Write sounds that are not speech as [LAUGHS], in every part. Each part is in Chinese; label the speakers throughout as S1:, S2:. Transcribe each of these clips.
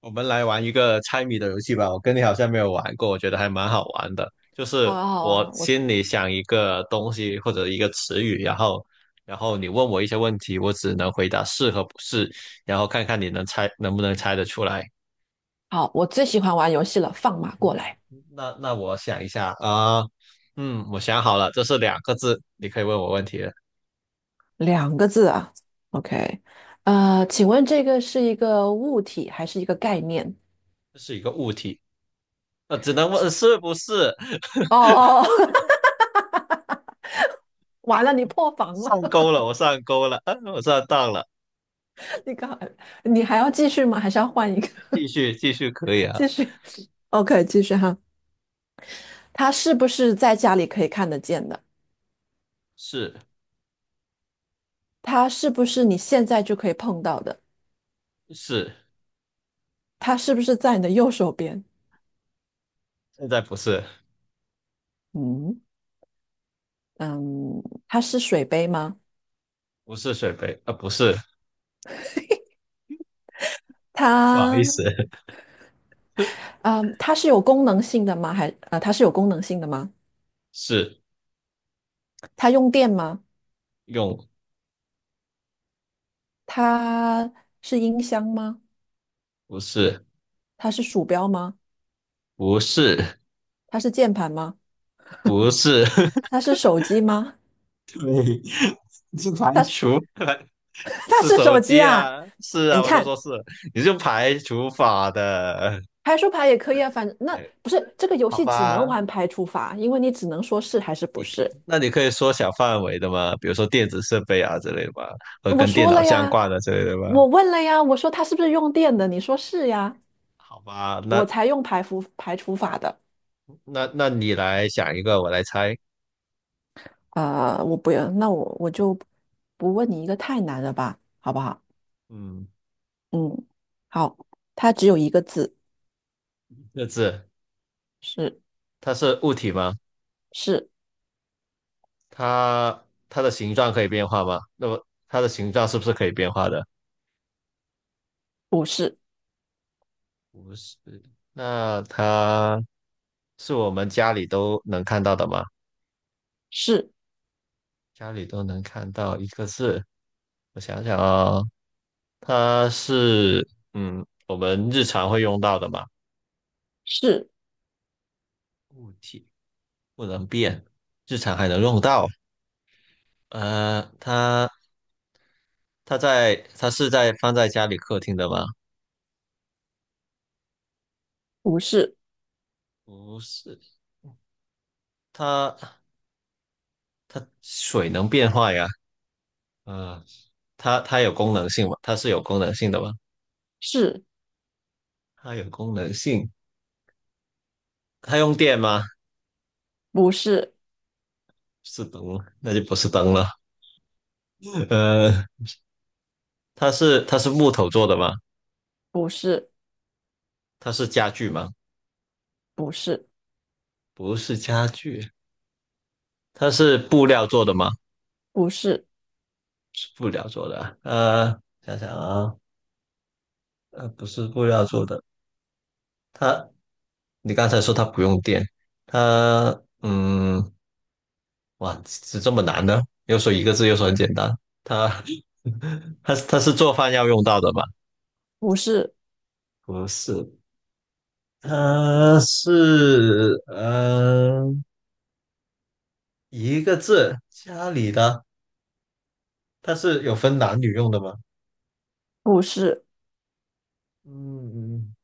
S1: 我们来玩一个猜谜的游戏吧，我跟你好像没有玩过，我觉得还蛮好玩的。就
S2: 好
S1: 是
S2: 啊，好
S1: 我
S2: 啊，
S1: 心里想一个东西或者一个词语，然后你问我一些问题，我只能回答是和不是，然后看看你能不能猜得出来。
S2: 我最喜欢玩游戏了，放马过来，
S1: 那我想一下啊，嗯，我想好了，这是两个字，你可以问我问题了。
S2: 两个字啊。OK，请问这个是一个物体还是一个概念？
S1: 这是一个物体，只能问是不是。[LAUGHS]
S2: 哦哦，[LAUGHS] 完了，你破防了，
S1: 上钩了，我上钩了，啊，我上当了。
S2: [LAUGHS] 你刚，你还要继续吗？还是要换一个？
S1: 继续可以
S2: [LAUGHS]
S1: 啊，
S2: 继续，OK，继续哈。它是不是在家里可以看得见的？
S1: 是
S2: 它是不是你现在就可以碰到的？
S1: 是。
S2: 它是不是在你的右手边？
S1: 现在不是，
S2: 嗯嗯，它是水杯吗？
S1: 不是水杯，啊，不是，不好意
S2: 它。
S1: 思，[LAUGHS]
S2: 嗯，它是有功能性的吗？它是有功能性的吗？
S1: 是
S2: 它用电吗？
S1: 用，
S2: 它是音箱吗？
S1: 不是，
S2: 它是鼠标吗？
S1: 不是，
S2: 它是键盘吗？
S1: 不是，
S2: 它是手机吗？
S1: [LAUGHS] 是排
S2: 它是
S1: 除，
S2: [LAUGHS] 它
S1: 是
S2: 是
S1: 手
S2: 手机
S1: 机
S2: 啊！
S1: 啊，是
S2: 哎
S1: 啊，
S2: 你
S1: 我都
S2: 看，
S1: 说是，你是用排除法的，
S2: 排除法也可以啊，反正那
S1: 也
S2: 不是这个游
S1: 好
S2: 戏只能
S1: 吧？
S2: 玩排除法，因为你只能说是还是不是。
S1: 那你可以缩小范围的嘛，比如说电子设备啊之类的吧，和
S2: 我
S1: 跟电
S2: 说
S1: 脑
S2: 了
S1: 相
S2: 呀，
S1: 关的之类的吧。
S2: 我问了呀，我说它是不是用电的？你说是呀，
S1: 好吧，那
S2: 我才用排除法的。
S1: 那你来想一个，我来猜。
S2: 我不要，那我就不问你一个太难的吧，好不好？
S1: 嗯，
S2: 嗯，好，它只有一个字，
S1: 这字
S2: 是
S1: 它是物体吗？
S2: 是
S1: 它它的形状可以变化吗？那么它的形状是不是可以变化的？
S2: 不是
S1: 不是。那它是我们家里都能看到的吗？
S2: 是
S1: 家里都能看到一个字，我想想啊、它是嗯，我们日常会用到的嘛，
S2: 是
S1: 物体不能变，日常还能用到。呃，它它是在放在家里客厅的吗？
S2: 不是
S1: 不是，它它水能变化呀。啊、它是有功能性的吗？
S2: 是
S1: 它有功能性，它用电吗？
S2: 不是
S1: 是灯吗，那就不是灯了。[LAUGHS] 呃，它是木头做的吗？
S2: 不是
S1: 它是家具吗？
S2: 不是
S1: 不是家具，它是布料做的吗？
S2: 不是
S1: 是布料做的啊。呃，想想啊，呃，不是布料做的。它，你刚才说它不用电，它，哇，是这么难呢？又说一个字，又说很简单。它，[LAUGHS] 它是做饭要用到的吗？
S2: 不是
S1: 不是，呃，是呃一个字，家里的，它是有分男女用的吗？
S2: 不是，
S1: 嗯，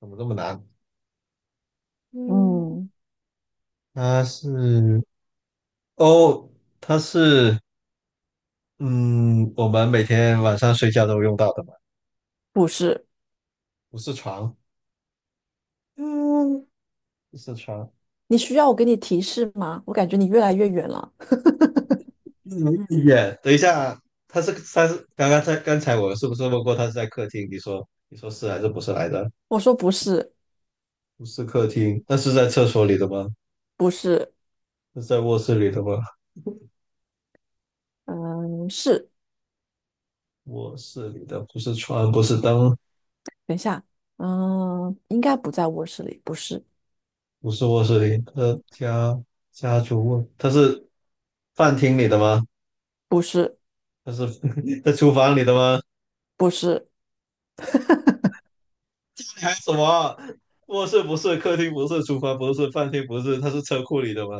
S1: 怎么这么难？嗯，
S2: 嗯，
S1: 它是哦，它是嗯，我们每天晚上睡觉都用到的嘛，
S2: 不是。
S1: 不是床，嗯，不是床。
S2: 你需要我给你提示吗？我感觉你越来越远了。
S1: 嗯，也，等一下，它是刚才我是不是问过它是在客厅？你说是还是不是来着？
S2: 我说不是
S1: 不是客厅，那是在厕所里的吗？
S2: 不是，
S1: 是在卧室里的吗？
S2: 嗯，是。
S1: 卧室里的不是床，不是灯，
S2: 等一下，嗯，应该不在卧室里，不是
S1: 不是卧室里的家家族卧，它是饭厅里的吗？
S2: 不是。
S1: 它是 [LAUGHS] 在厨房里的吗？
S2: 不是
S1: 你还有什么？卧室不是，客厅不是，厨房不是，饭厅不是，它是车库里的吗？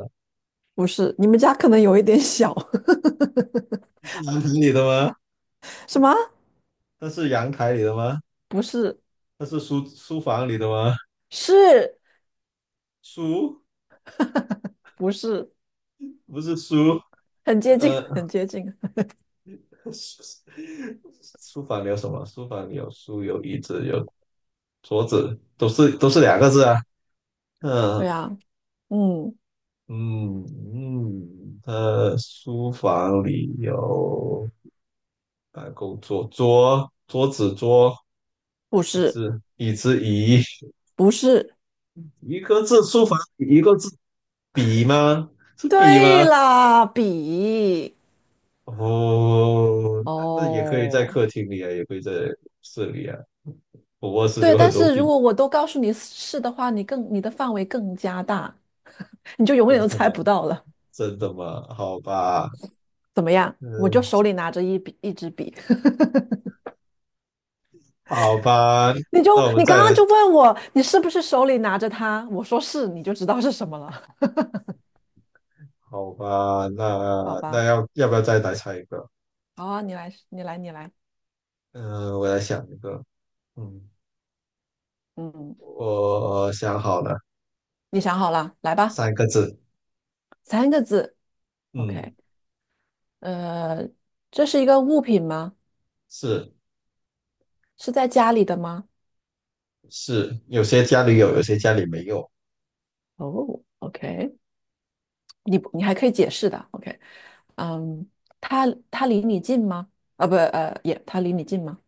S2: 不是，你们家可能有一点小。[LAUGHS]
S1: 它是阳台里的吗？
S2: 什么？
S1: 它是阳台里的吗？
S2: 不是，
S1: 它是书房里的吗？
S2: 是
S1: 书
S2: 不是？
S1: 不是书，
S2: 很接近，
S1: 呃，
S2: 很接近。
S1: [LAUGHS] 书书房里有什么？书房里有书，有椅子，有桌子都是两个字啊。
S2: 对
S1: 嗯
S2: 呀，啊嗯，
S1: 嗯，呃，书房里有办公桌、桌、桌子、
S2: 不
S1: 椅
S2: 是，
S1: 子、椅子、椅，
S2: 不是。
S1: 一个字，书房一个字，笔吗？是笔
S2: 对
S1: 吗？
S2: 啦，比。
S1: 哦，那那也可以在
S2: 哦，
S1: 客厅里啊，也可以在室里啊。我卧室
S2: 对，
S1: 有很
S2: 但
S1: 多
S2: 是如
S1: 笔，
S2: 果我都告诉你是的话，你的范围更加大，你就永
S1: 真
S2: 远都
S1: 的
S2: 猜
S1: 吗？
S2: 不到了。
S1: 真的吗？好吧，
S2: 怎么样？我就
S1: 嗯，
S2: 手里拿着一支笔，
S1: 好吧，
S2: [LAUGHS]
S1: 那我们
S2: 你刚
S1: 再
S2: 刚
S1: 来。
S2: 就问我你是不是手里拿着它，我说是，你就知道是什么了，
S1: 好吧，
S2: 好
S1: 那
S2: 吧？
S1: 要不要再来猜一个？
S2: 好，你来，你来，你来。
S1: 嗯、我来想一个。嗯，
S2: 嗯，
S1: 我想好了，
S2: 你想好了，来吧。
S1: 三个字。
S2: 三个字。
S1: 嗯，
S2: OK。呃，这是一个物品吗？
S1: 是
S2: 是在家里的吗？
S1: 是，有些家里有，有些家里没有。
S2: 哦，OK。你不你还可以解释的。OK。嗯，它它离你近吗？啊，不，呃，也，它离你近吗？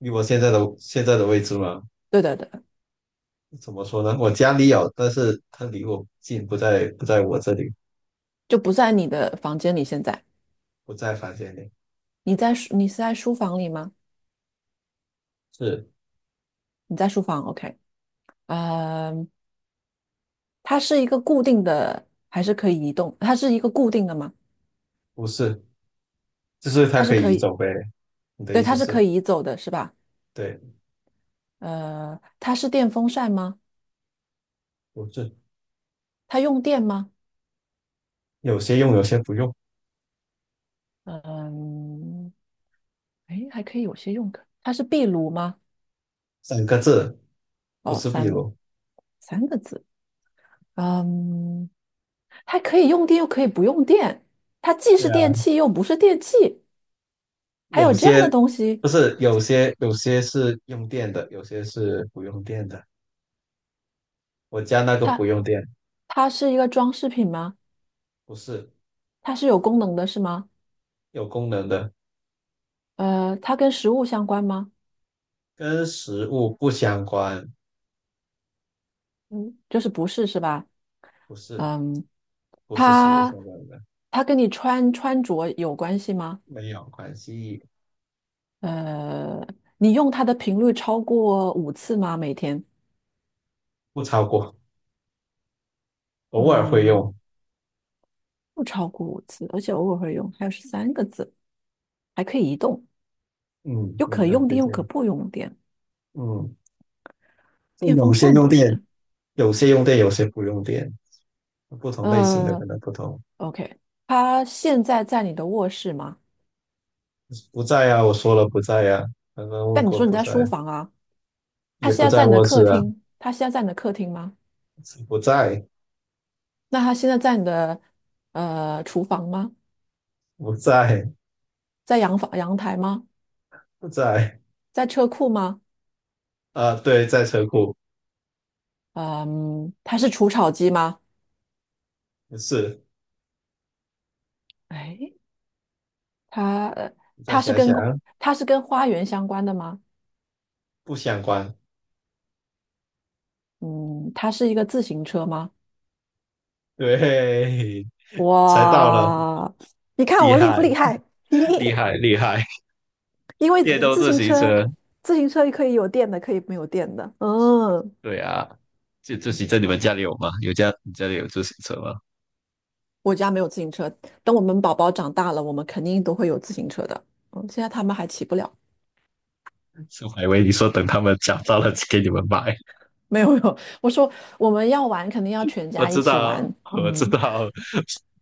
S1: 以我现在的位置嘛，
S2: 对的对的，
S1: 怎么说呢？我家里有，但是它离我近，不在我这里，
S2: 就不在你的房间里。现在
S1: 不在房间里。
S2: 你是在书房里吗？
S1: 是
S2: 你在书房。OK。呃，它是一个固定的，还是可以移动？它是一个固定的吗？
S1: 不是？就是它
S2: 它是
S1: 可
S2: 可
S1: 以移
S2: 以。
S1: 走呗。你的
S2: 对，
S1: 意
S2: 它
S1: 思
S2: 是
S1: 是？
S2: 可以移走的，是吧？
S1: 对，
S2: 它是电风扇吗？
S1: 不是。
S2: 它用电吗？
S1: 有些用，有些不用。
S2: 嗯，哎，还可以有些用的。它是壁炉吗？
S1: 三个字，不
S2: 哦，
S1: 是壁
S2: 三
S1: 炉。
S2: 三个字。嗯，它可以用电，又可以不用电。它既
S1: 对
S2: 是
S1: 呀。
S2: 电器，又不是电器。还
S1: 有
S2: 有这样
S1: 些
S2: 的东西，
S1: 不是有些是用电的，有些是不用电的。我家那个不
S2: 它
S1: 用电，
S2: 它是一个装饰品吗？
S1: 不是
S2: 它是有功能的，是吗？
S1: 有功能的，
S2: 它跟食物相关吗？
S1: 跟食物不相关，
S2: 嗯，就是不是是吧？
S1: 不是
S2: 嗯，
S1: 不是食物
S2: 它
S1: 相关的，
S2: 它跟你穿着有关系吗？
S1: 没有关系，
S2: 呃，你用它的频率超过五次吗？每天？
S1: 不超过，偶尔会
S2: 嗯，
S1: 用。
S2: 不超过五次，而且偶尔会用。还有13个字，还可以移动，
S1: 嗯
S2: 又
S1: 嗯，
S2: 可
S1: 很
S2: 用
S1: 接
S2: 电又可
S1: 近。
S2: 不用电。
S1: 嗯，
S2: 电
S1: 有
S2: 风
S1: 些
S2: 扇
S1: 用
S2: 不
S1: 电，
S2: 是？
S1: 有些不用电，不同类型的
S2: 呃
S1: 可能不同。
S2: ，OK，它现在在你的卧室吗？
S1: 不在啊，我说了不在啊，刚刚问
S2: 但你
S1: 过
S2: 说你
S1: 不
S2: 在
S1: 在，
S2: 书房啊，
S1: 也不在卧室啊，
S2: 它现在在你的客厅吗？
S1: 不在
S2: 那它现在在你的厨房吗？
S1: 不在。
S2: 在阳台吗？
S1: 在
S2: 在车库吗？
S1: 啊、对，在车库
S2: 嗯，它是除草机吗？
S1: 是，
S2: 哎，它呃
S1: 再
S2: 它是
S1: 想
S2: 跟
S1: 想
S2: 他它是跟花园相关的吗？
S1: 不相关，
S2: 嗯，它是一个自行车吗？
S1: 对，[LAUGHS] 才到了，
S2: 哇，你看
S1: 厉
S2: 我厉不
S1: 害，
S2: 厉害？
S1: 厉害，
S2: [LAUGHS]
S1: 厉害，
S2: 因为
S1: 电动
S2: 自
S1: 自
S2: 行
S1: 行
S2: 车，
S1: 车，
S2: 自行车可以有电的，可以没有电的。嗯，
S1: 对啊，自行车你们家里有吗？你家里有自行车吗？
S2: 我家没有自行车，等我们宝宝长大了，我们肯定都会有自行车的。嗯，现在他们还骑不了。
S1: 是我还以为你说等他们找到了给你们买，
S2: 没有没有，我说我们要玩，肯定要全
S1: 我
S2: 家一
S1: 知
S2: 起玩。
S1: 道，我知
S2: 嗯，
S1: 道，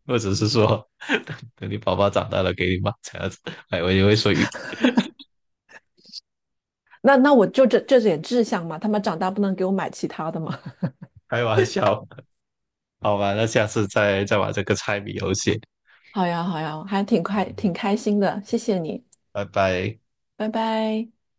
S1: 我只是说等你宝宝长大了给你买这样子，还以为你会说
S2: 那我就这点志向嘛，他们长大不能给我买其他的嘛。[LAUGHS]
S1: 开玩笑，好吧，那下次再玩这个猜谜游戏。
S2: 好呀好呀，还挺快挺开心的，谢谢你，
S1: 拜拜。
S2: 拜拜。